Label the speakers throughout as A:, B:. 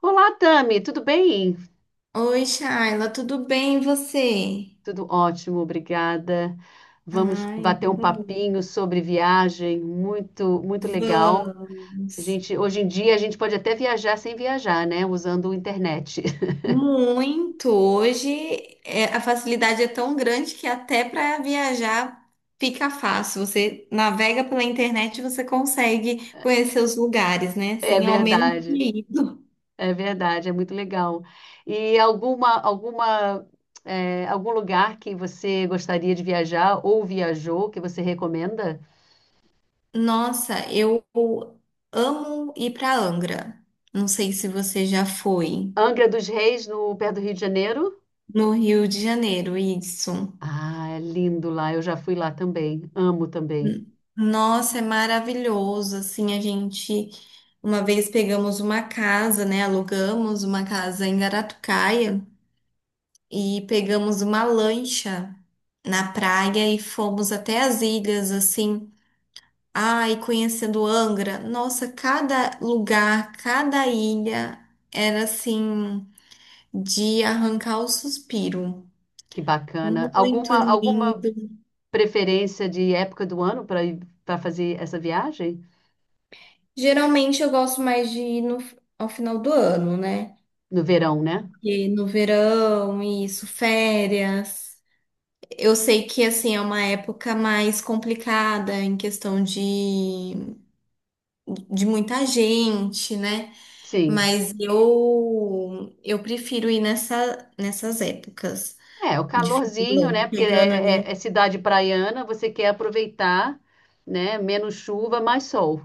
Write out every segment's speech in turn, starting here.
A: Olá, Tami, tudo bem?
B: Oi, Shaila, tudo bem e você?
A: Tudo ótimo, obrigada. Vamos
B: Ai,
A: bater
B: então
A: um
B: tá bom.
A: papinho sobre viagem, muito, muito legal.
B: Vamos.
A: Hoje em dia a gente pode até viajar sem viajar, né? Usando a internet.
B: Muito. A facilidade é tão grande que até para viajar fica fácil. Você navega pela internet e você consegue conhecer os lugares, né?
A: É
B: Sem ao menos
A: verdade,
B: ter ido.
A: é verdade, é muito legal. E algum lugar que você gostaria de viajar ou viajou que você recomenda?
B: Nossa, eu amo ir para Angra. Não sei se você já foi
A: Angra dos Reis, no pé do Rio de Janeiro?
B: no Rio de Janeiro, isso.
A: Ah, é lindo lá. Eu já fui lá também. Amo também.
B: Nossa, é maravilhoso. Assim, a gente uma vez pegamos uma casa, né? Alugamos uma casa em Garatucaia e pegamos uma lancha na praia e fomos até as ilhas, assim. Ai, conhecendo Angra. Nossa, cada lugar, cada ilha era assim de arrancar o suspiro.
A: Que bacana.
B: Muito
A: Alguma
B: lindo.
A: preferência de época do ano para fazer essa viagem?
B: Geralmente eu gosto mais de ir no, ao final do ano, né?
A: No verão, né?
B: E no verão, isso, férias. Eu sei que assim é uma época mais complicada em questão de muita gente, né?
A: Sim.
B: Mas eu prefiro ir nessas épocas
A: É, o
B: de final do
A: calorzinho,
B: ano,
A: né? Porque
B: pegando
A: é
B: ali.
A: cidade praiana, você quer aproveitar, né? Menos chuva, mais sol.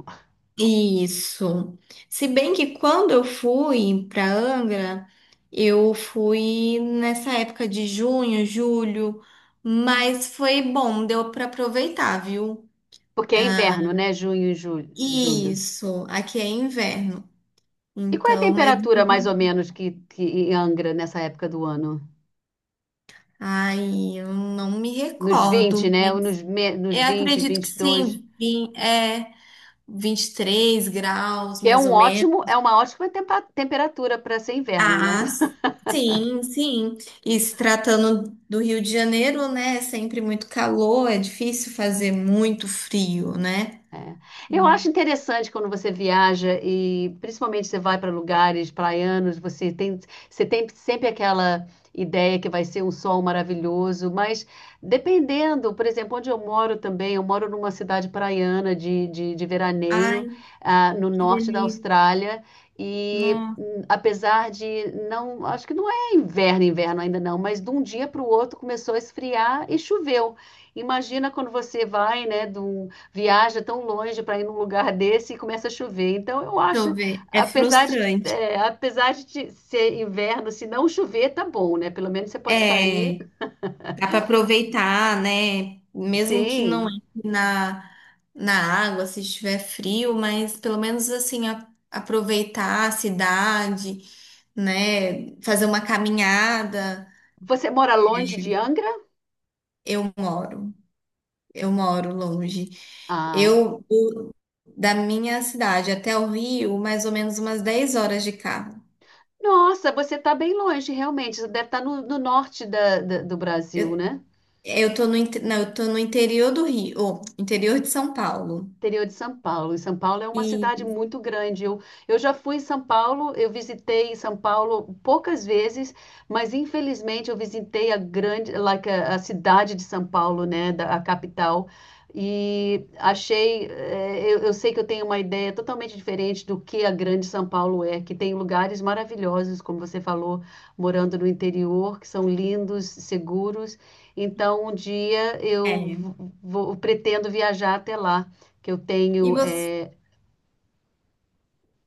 B: Isso. Se bem que quando eu fui para Angra, eu fui nessa época de junho, julho, mas foi bom, deu para aproveitar, viu?
A: Porque é inverno, né? Junho e julho.
B: Isso, aqui é inverno.
A: E qual é a
B: Então, mas
A: temperatura, mais ou menos, que em Angra nessa época do ano?
B: ai, eu não me
A: Nos
B: recordo,
A: 20, né?
B: mas
A: Ou nos
B: eu
A: vinte,
B: acredito que
A: vinte e dois.
B: sim, é 23 graus,
A: Que é
B: mais
A: um
B: ou
A: ótimo,
B: menos.
A: é uma ótima temperatura para ser inverno, né?
B: Ah, sim, sim. E se tratando do Rio de Janeiro, né? É sempre muito calor, é difícil fazer muito frio, né?
A: É. Eu acho interessante quando você viaja e principalmente você vai para lugares praianos, você tem sempre aquela ideia que vai ser um sol maravilhoso, mas dependendo, por exemplo, onde eu moro também, eu moro numa cidade praiana de
B: Ai,
A: veraneio, no
B: que
A: norte da
B: delícia.
A: Austrália, e
B: Nossa,
A: apesar de não, acho que não é inverno, inverno ainda não, mas de um dia para o outro começou a esfriar e choveu. Imagina quando você vai, né, de um viaja tão longe para ir num lugar desse e começa a chover. Então, eu
B: deixa eu
A: acho,
B: ver. É frustrante.
A: apesar de ser inverno, se não chover, tá bom, né? Pelo menos você pode sair.
B: É. Dá para aproveitar, né? Mesmo que não
A: Sim.
B: entre na água, se estiver frio, mas pelo menos assim, aproveitar a cidade, né? Fazer uma caminhada.
A: Você mora longe de Angra?
B: Eu moro, eu moro longe.
A: Ah,
B: Eu, eu- da minha cidade até o Rio, mais ou menos umas 10 horas de carro.
A: nossa, você tá bem longe, realmente. Você deve estar no norte do Brasil,
B: Eu,
A: né?
B: eu tô não, eu tô no interior do Rio, ou interior de São Paulo.
A: Interior de São Paulo. E São Paulo é uma cidade
B: E,
A: muito grande. Eu já fui em São Paulo, eu visitei São Paulo poucas vezes, mas infelizmente eu visitei a grande, like, a cidade de São Paulo, né, a capital. E achei, eu sei que eu tenho uma ideia totalmente diferente do que a grande São Paulo é, que tem lugares maravilhosos, como você falou, morando no interior, que são lindos, seguros. Então, um dia
B: é,
A: eu vou, pretendo viajar até lá que eu
B: e
A: tenho,
B: você.
A: é,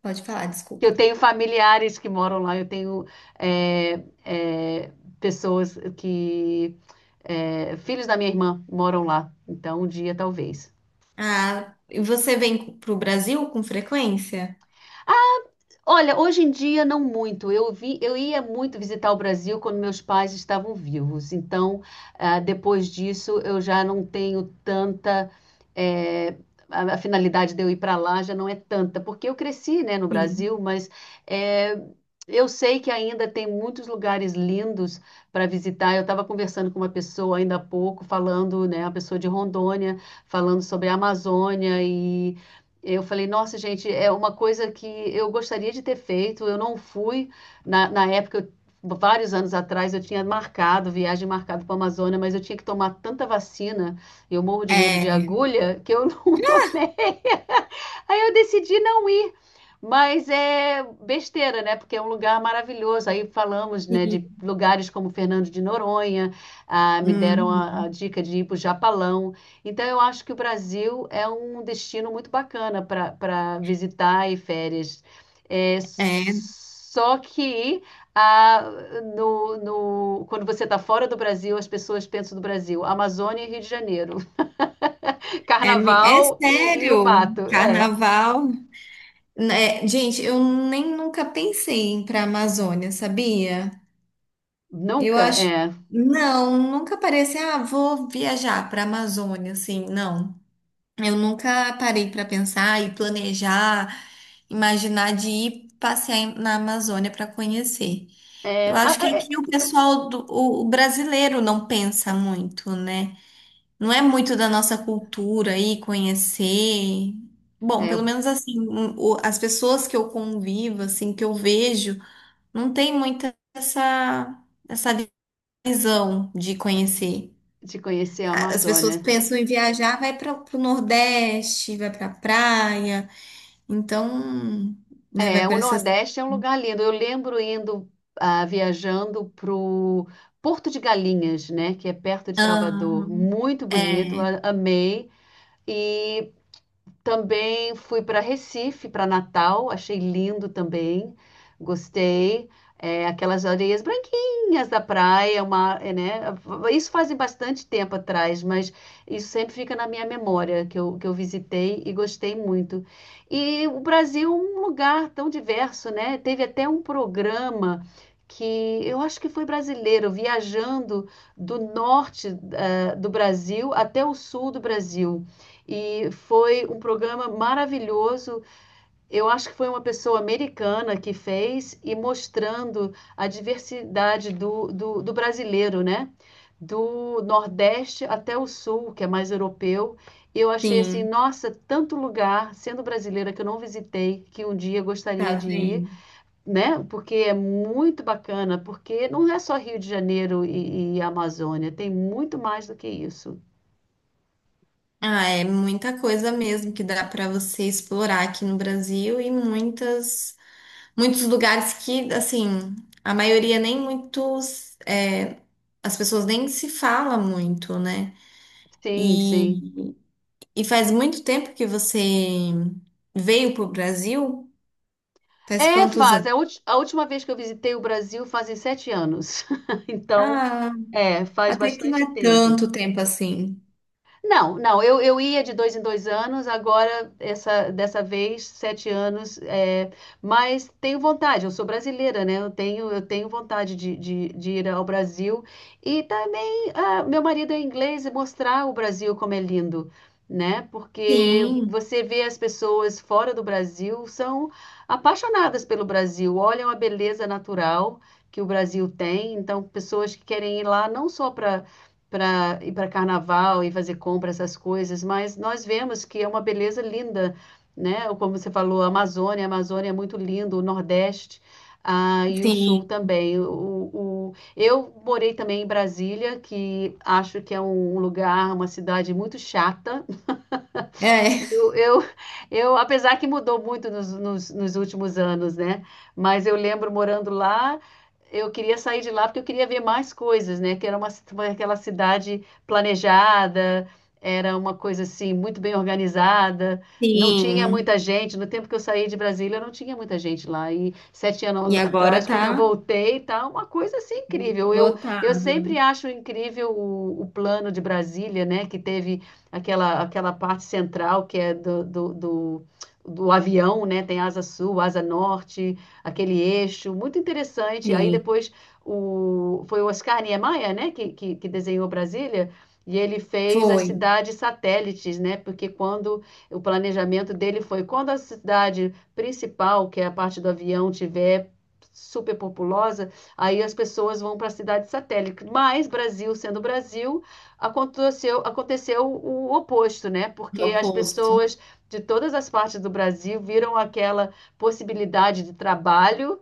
B: Pode falar,
A: que eu
B: desculpa.
A: tenho familiares que moram lá, eu tenho é, é, pessoas filhos da minha irmã moram lá, então um dia talvez.
B: Ah, e você vem para o Brasil com frequência?
A: Olha, hoje em dia não muito. Eu vi, eu ia muito visitar o Brasil quando meus pais estavam vivos. Então, depois disso, eu já não tenho eh, a finalidade de eu ir para lá já não é tanta, porque eu cresci, né, no
B: Sim.
A: Brasil, mas eh, eu sei que ainda tem muitos lugares lindos para visitar. Eu estava conversando com uma pessoa ainda há pouco, falando, né, uma pessoa de Rondônia, falando sobre a Amazônia. Eu falei, nossa, gente, é uma coisa que eu gostaria de ter feito, eu não fui. Na época, vários anos atrás, eu tinha marcado, viagem marcada para a Amazônia, mas eu tinha que tomar tanta vacina, eu morro de medo de
B: É.
A: agulha, que eu não tomei. Aí eu decidi não ir. Mas é besteira, né? Porque é um lugar maravilhoso. Aí falamos, né,
B: Sim.
A: de lugares como Fernando de Noronha, me deram a
B: Uhum.
A: dica de ir para o Japalão. Então, eu acho que o Brasil é um destino muito bacana para visitar e férias. É,
B: É,
A: só que ah, no, quando você está fora do Brasil, as pessoas pensam do Brasil, Amazônia e Rio de Janeiro,
B: é
A: Carnaval e o
B: sério,
A: mato. É,
B: carnaval. É, gente, eu nem nunca pensei em ir para a Amazônia, sabia? Eu
A: nunca,
B: acho.
A: é.
B: Não, nunca parei assim, ah, vou viajar para a Amazônia, assim, não. Eu nunca parei para pensar e planejar, imaginar de ir passear na Amazônia para conhecer.
A: É,
B: Eu acho que aqui o pessoal o brasileiro não pensa muito, né? Não é muito da nossa cultura aí conhecer. Bom,
A: é,
B: pelo menos assim, as pessoas que eu convivo, assim, que eu vejo, não tem muita essa visão de conhecer.
A: de conhecer a
B: As pessoas
A: Amazônia.
B: pensam em viajar, vai para o Nordeste, vai para praia, então, né, vai
A: É,
B: para
A: o
B: essas.
A: Nordeste é um lugar lindo. Eu lembro viajando pro Porto de Galinhas, né, que é perto de
B: Ah,
A: Salvador. Muito bonito,
B: é,
A: amei. E também fui para Recife, para Natal, achei lindo também, gostei. É, aquelas areias branquinhas da praia, uma, é, né? Isso fazem bastante tempo atrás, mas isso sempre fica na minha memória, que eu visitei e gostei muito. E o Brasil é um lugar tão diverso, né? Teve até um programa que eu acho que foi brasileiro, viajando do norte, do Brasil até o sul do Brasil. E foi um programa maravilhoso. Eu acho que foi uma pessoa americana que fez e mostrando a diversidade do brasileiro, né? Do Nordeste até o Sul, que é mais europeu. Eu achei assim,
B: sim,
A: nossa, tanto lugar, sendo brasileira, que eu não visitei, que um dia eu gostaria
B: tá
A: de ir,
B: vendo?
A: né? Porque é muito bacana, porque não é só Rio de Janeiro e Amazônia, tem muito mais do que isso.
B: Ah, é muita coisa mesmo que dá para você explorar aqui no Brasil e muitas, muitos lugares que, assim, a maioria nem muitos, é, as pessoas nem se fala muito, né?
A: Sim, sim.
B: E, e faz muito tempo que você veio pro Brasil? Faz
A: É,
B: quantos
A: faz. É
B: anos?
A: A, ulti- a última vez que eu visitei o Brasil fazem 7 anos. Então,
B: Ah,
A: faz
B: até que não
A: bastante
B: é
A: tempo.
B: tanto tempo assim.
A: Não, não, eu ia de 2 em 2 anos, agora, dessa vez, 7 anos, é, mas tenho vontade, eu sou brasileira, né? Eu tenho vontade de ir ao Brasil e também, meu marido é inglês e mostrar o Brasil como é lindo, né? Porque
B: Sim,
A: você vê as pessoas fora do Brasil, são apaixonadas pelo Brasil, olham a beleza natural que o Brasil tem, então pessoas que querem ir lá não só para ir para carnaval e fazer compra, essas coisas, mas nós vemos que é uma beleza linda, né? Como você falou, a Amazônia é muito lindo, o Nordeste. Ah, e o
B: sim,
A: Sul também. Eu morei também em Brasília, que acho que é um lugar, uma cidade muito chata,
B: é,
A: eu, eu, apesar que mudou muito nos últimos anos, né? Mas eu lembro morando lá, eu queria sair de lá porque eu queria ver mais coisas, né? Que era aquela cidade planejada, era uma coisa assim, muito bem organizada, não tinha
B: sim.
A: muita gente. No tempo que eu saí de Brasília, não tinha muita gente lá. E sete
B: E
A: anos
B: agora
A: atrás, quando
B: tá
A: eu voltei, tá uma coisa assim incrível. Eu
B: esgotado.
A: sempre acho incrível o plano de Brasília, né? Que teve aquela parte central que é do avião, né? Tem asa sul, asa norte, aquele eixo, muito interessante. Aí
B: Sim,
A: depois foi o Oscar Niemeyer, né? Que desenhou Brasília. E ele fez as
B: foi.
A: cidades satélites, né? Porque quando o planejamento dele foi quando a cidade principal, que é a parte do avião, tiver superpopulosa, aí as pessoas vão para a cidade satélite. Mas Brasil sendo Brasil, aconteceu o oposto, né?
B: É o
A: Porque as
B: oposto.
A: pessoas de todas as partes do Brasil viram aquela possibilidade de trabalho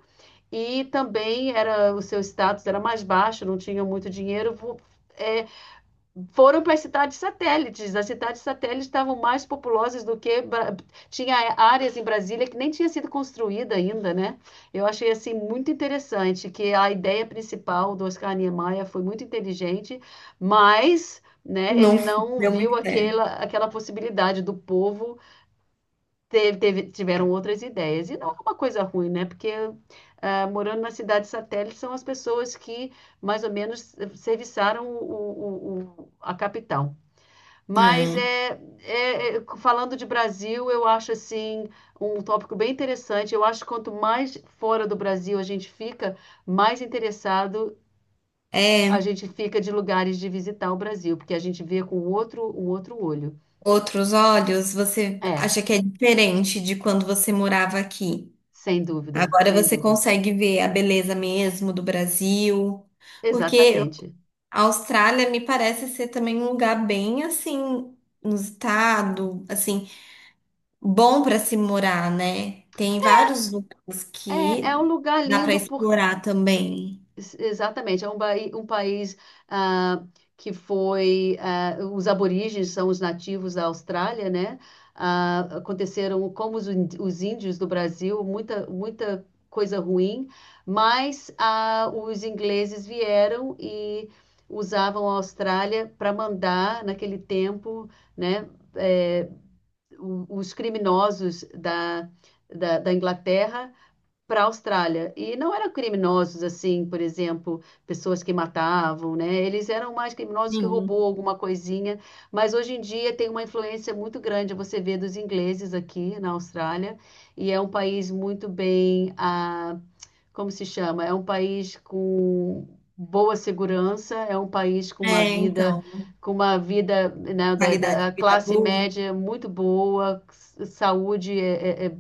A: e também era o seu status era mais baixo, não tinham muito dinheiro, eh, foram para as cidades satélites. As cidades satélites estavam mais populosas do que tinha áreas em Brasília que nem tinha sido construída ainda, né? Eu achei assim muito interessante que a ideia principal do Oscar Niemeyer foi muito inteligente, mas né,
B: Não
A: ele não
B: deu
A: viu
B: muito
A: aquela,
B: certo.
A: aquela possibilidade do povo tiveram outras ideias. E não é uma coisa ruim, né? Porque morando na cidade satélite são as pessoas que mais ou menos serviçaram a capital. Mas
B: É,
A: falando de Brasil, eu acho assim um tópico bem interessante. Eu acho que quanto mais fora do Brasil a gente fica, mais interessado a
B: É,
A: gente fica de lugares de visitar o Brasil, porque a gente vê com outro, um outro olho.
B: outros olhos, você
A: É,
B: acha que é diferente de quando você morava aqui.
A: sem dúvida,
B: Agora
A: sem
B: você
A: dúvida.
B: consegue ver a beleza mesmo do Brasil, porque
A: Exatamente.
B: a Austrália me parece ser também um lugar bem assim, no estado, assim, bom para se morar, né? Tem vários lugares
A: É, é um
B: que
A: lugar
B: dá para
A: lindo
B: explorar também.
A: Exatamente, é um país ah, que foi. Os aborígenes são os nativos da Austrália, né? Ah, aconteceram, como os índios do Brasil, muita, muita coisa ruim, mas os ingleses vieram e usavam a Austrália para mandar, naquele tempo, né? eh, os criminosos da Inglaterra para a Austrália. E não eram criminosos assim, por exemplo, pessoas que matavam, né? Eles eram mais
B: É.
A: criminosos que roubou
B: Sim.
A: alguma coisinha, mas hoje em dia tem uma influência muito grande, você vê dos ingleses aqui na Austrália, e é um país muito bem, como se chama? É um país com boa segurança, é um país
B: É, então,
A: com uma vida, né, da,
B: qualidade
A: da
B: de vida
A: classe
B: boa.
A: média muito boa, saúde é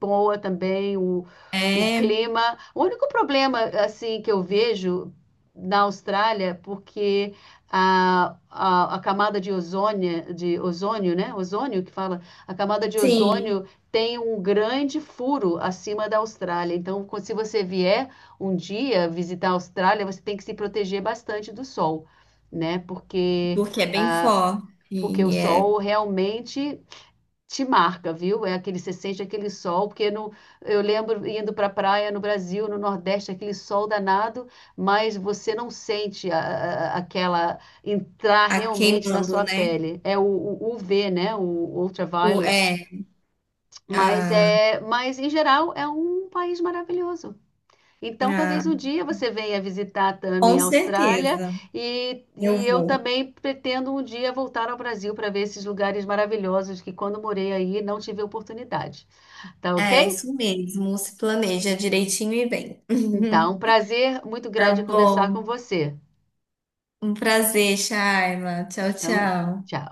A: boa também, o
B: É.
A: clima. O único problema, assim, que eu vejo na Austrália, porque a camada de ozônio, né? Ozônio que fala, a camada de
B: Sim,
A: ozônio tem um grande furo acima da Austrália. Então, se você vier um dia visitar a Austrália, você tem que se proteger bastante do sol, né? Porque
B: porque é bem forte
A: porque o
B: e é
A: sol realmente te marca, viu? É aquele, você sente aquele sol, porque no, eu lembro indo para a praia no Brasil, no Nordeste, aquele sol danado, mas você não sente aquela entrar
B: a
A: realmente na
B: queimando,
A: sua
B: né?
A: pele. É o UV, né? O
B: O,
A: ultraviolet.
B: é,
A: Mas
B: a,
A: mas em geral é um país maravilhoso. Então,
B: a,
A: talvez um dia você venha visitar
B: com
A: também a Austrália
B: certeza
A: e,
B: eu
A: e eu
B: vou.
A: também pretendo um dia voltar ao Brasil para ver esses lugares maravilhosos que quando morei aí não tive oportunidade. Tá
B: É
A: ok?
B: isso mesmo, se planeja direitinho e bem.
A: Então, um prazer muito
B: Tá
A: grande conversar com
B: bom,
A: você.
B: um prazer, Shaila. Tchau,
A: Então,
B: tchau.
A: tchau.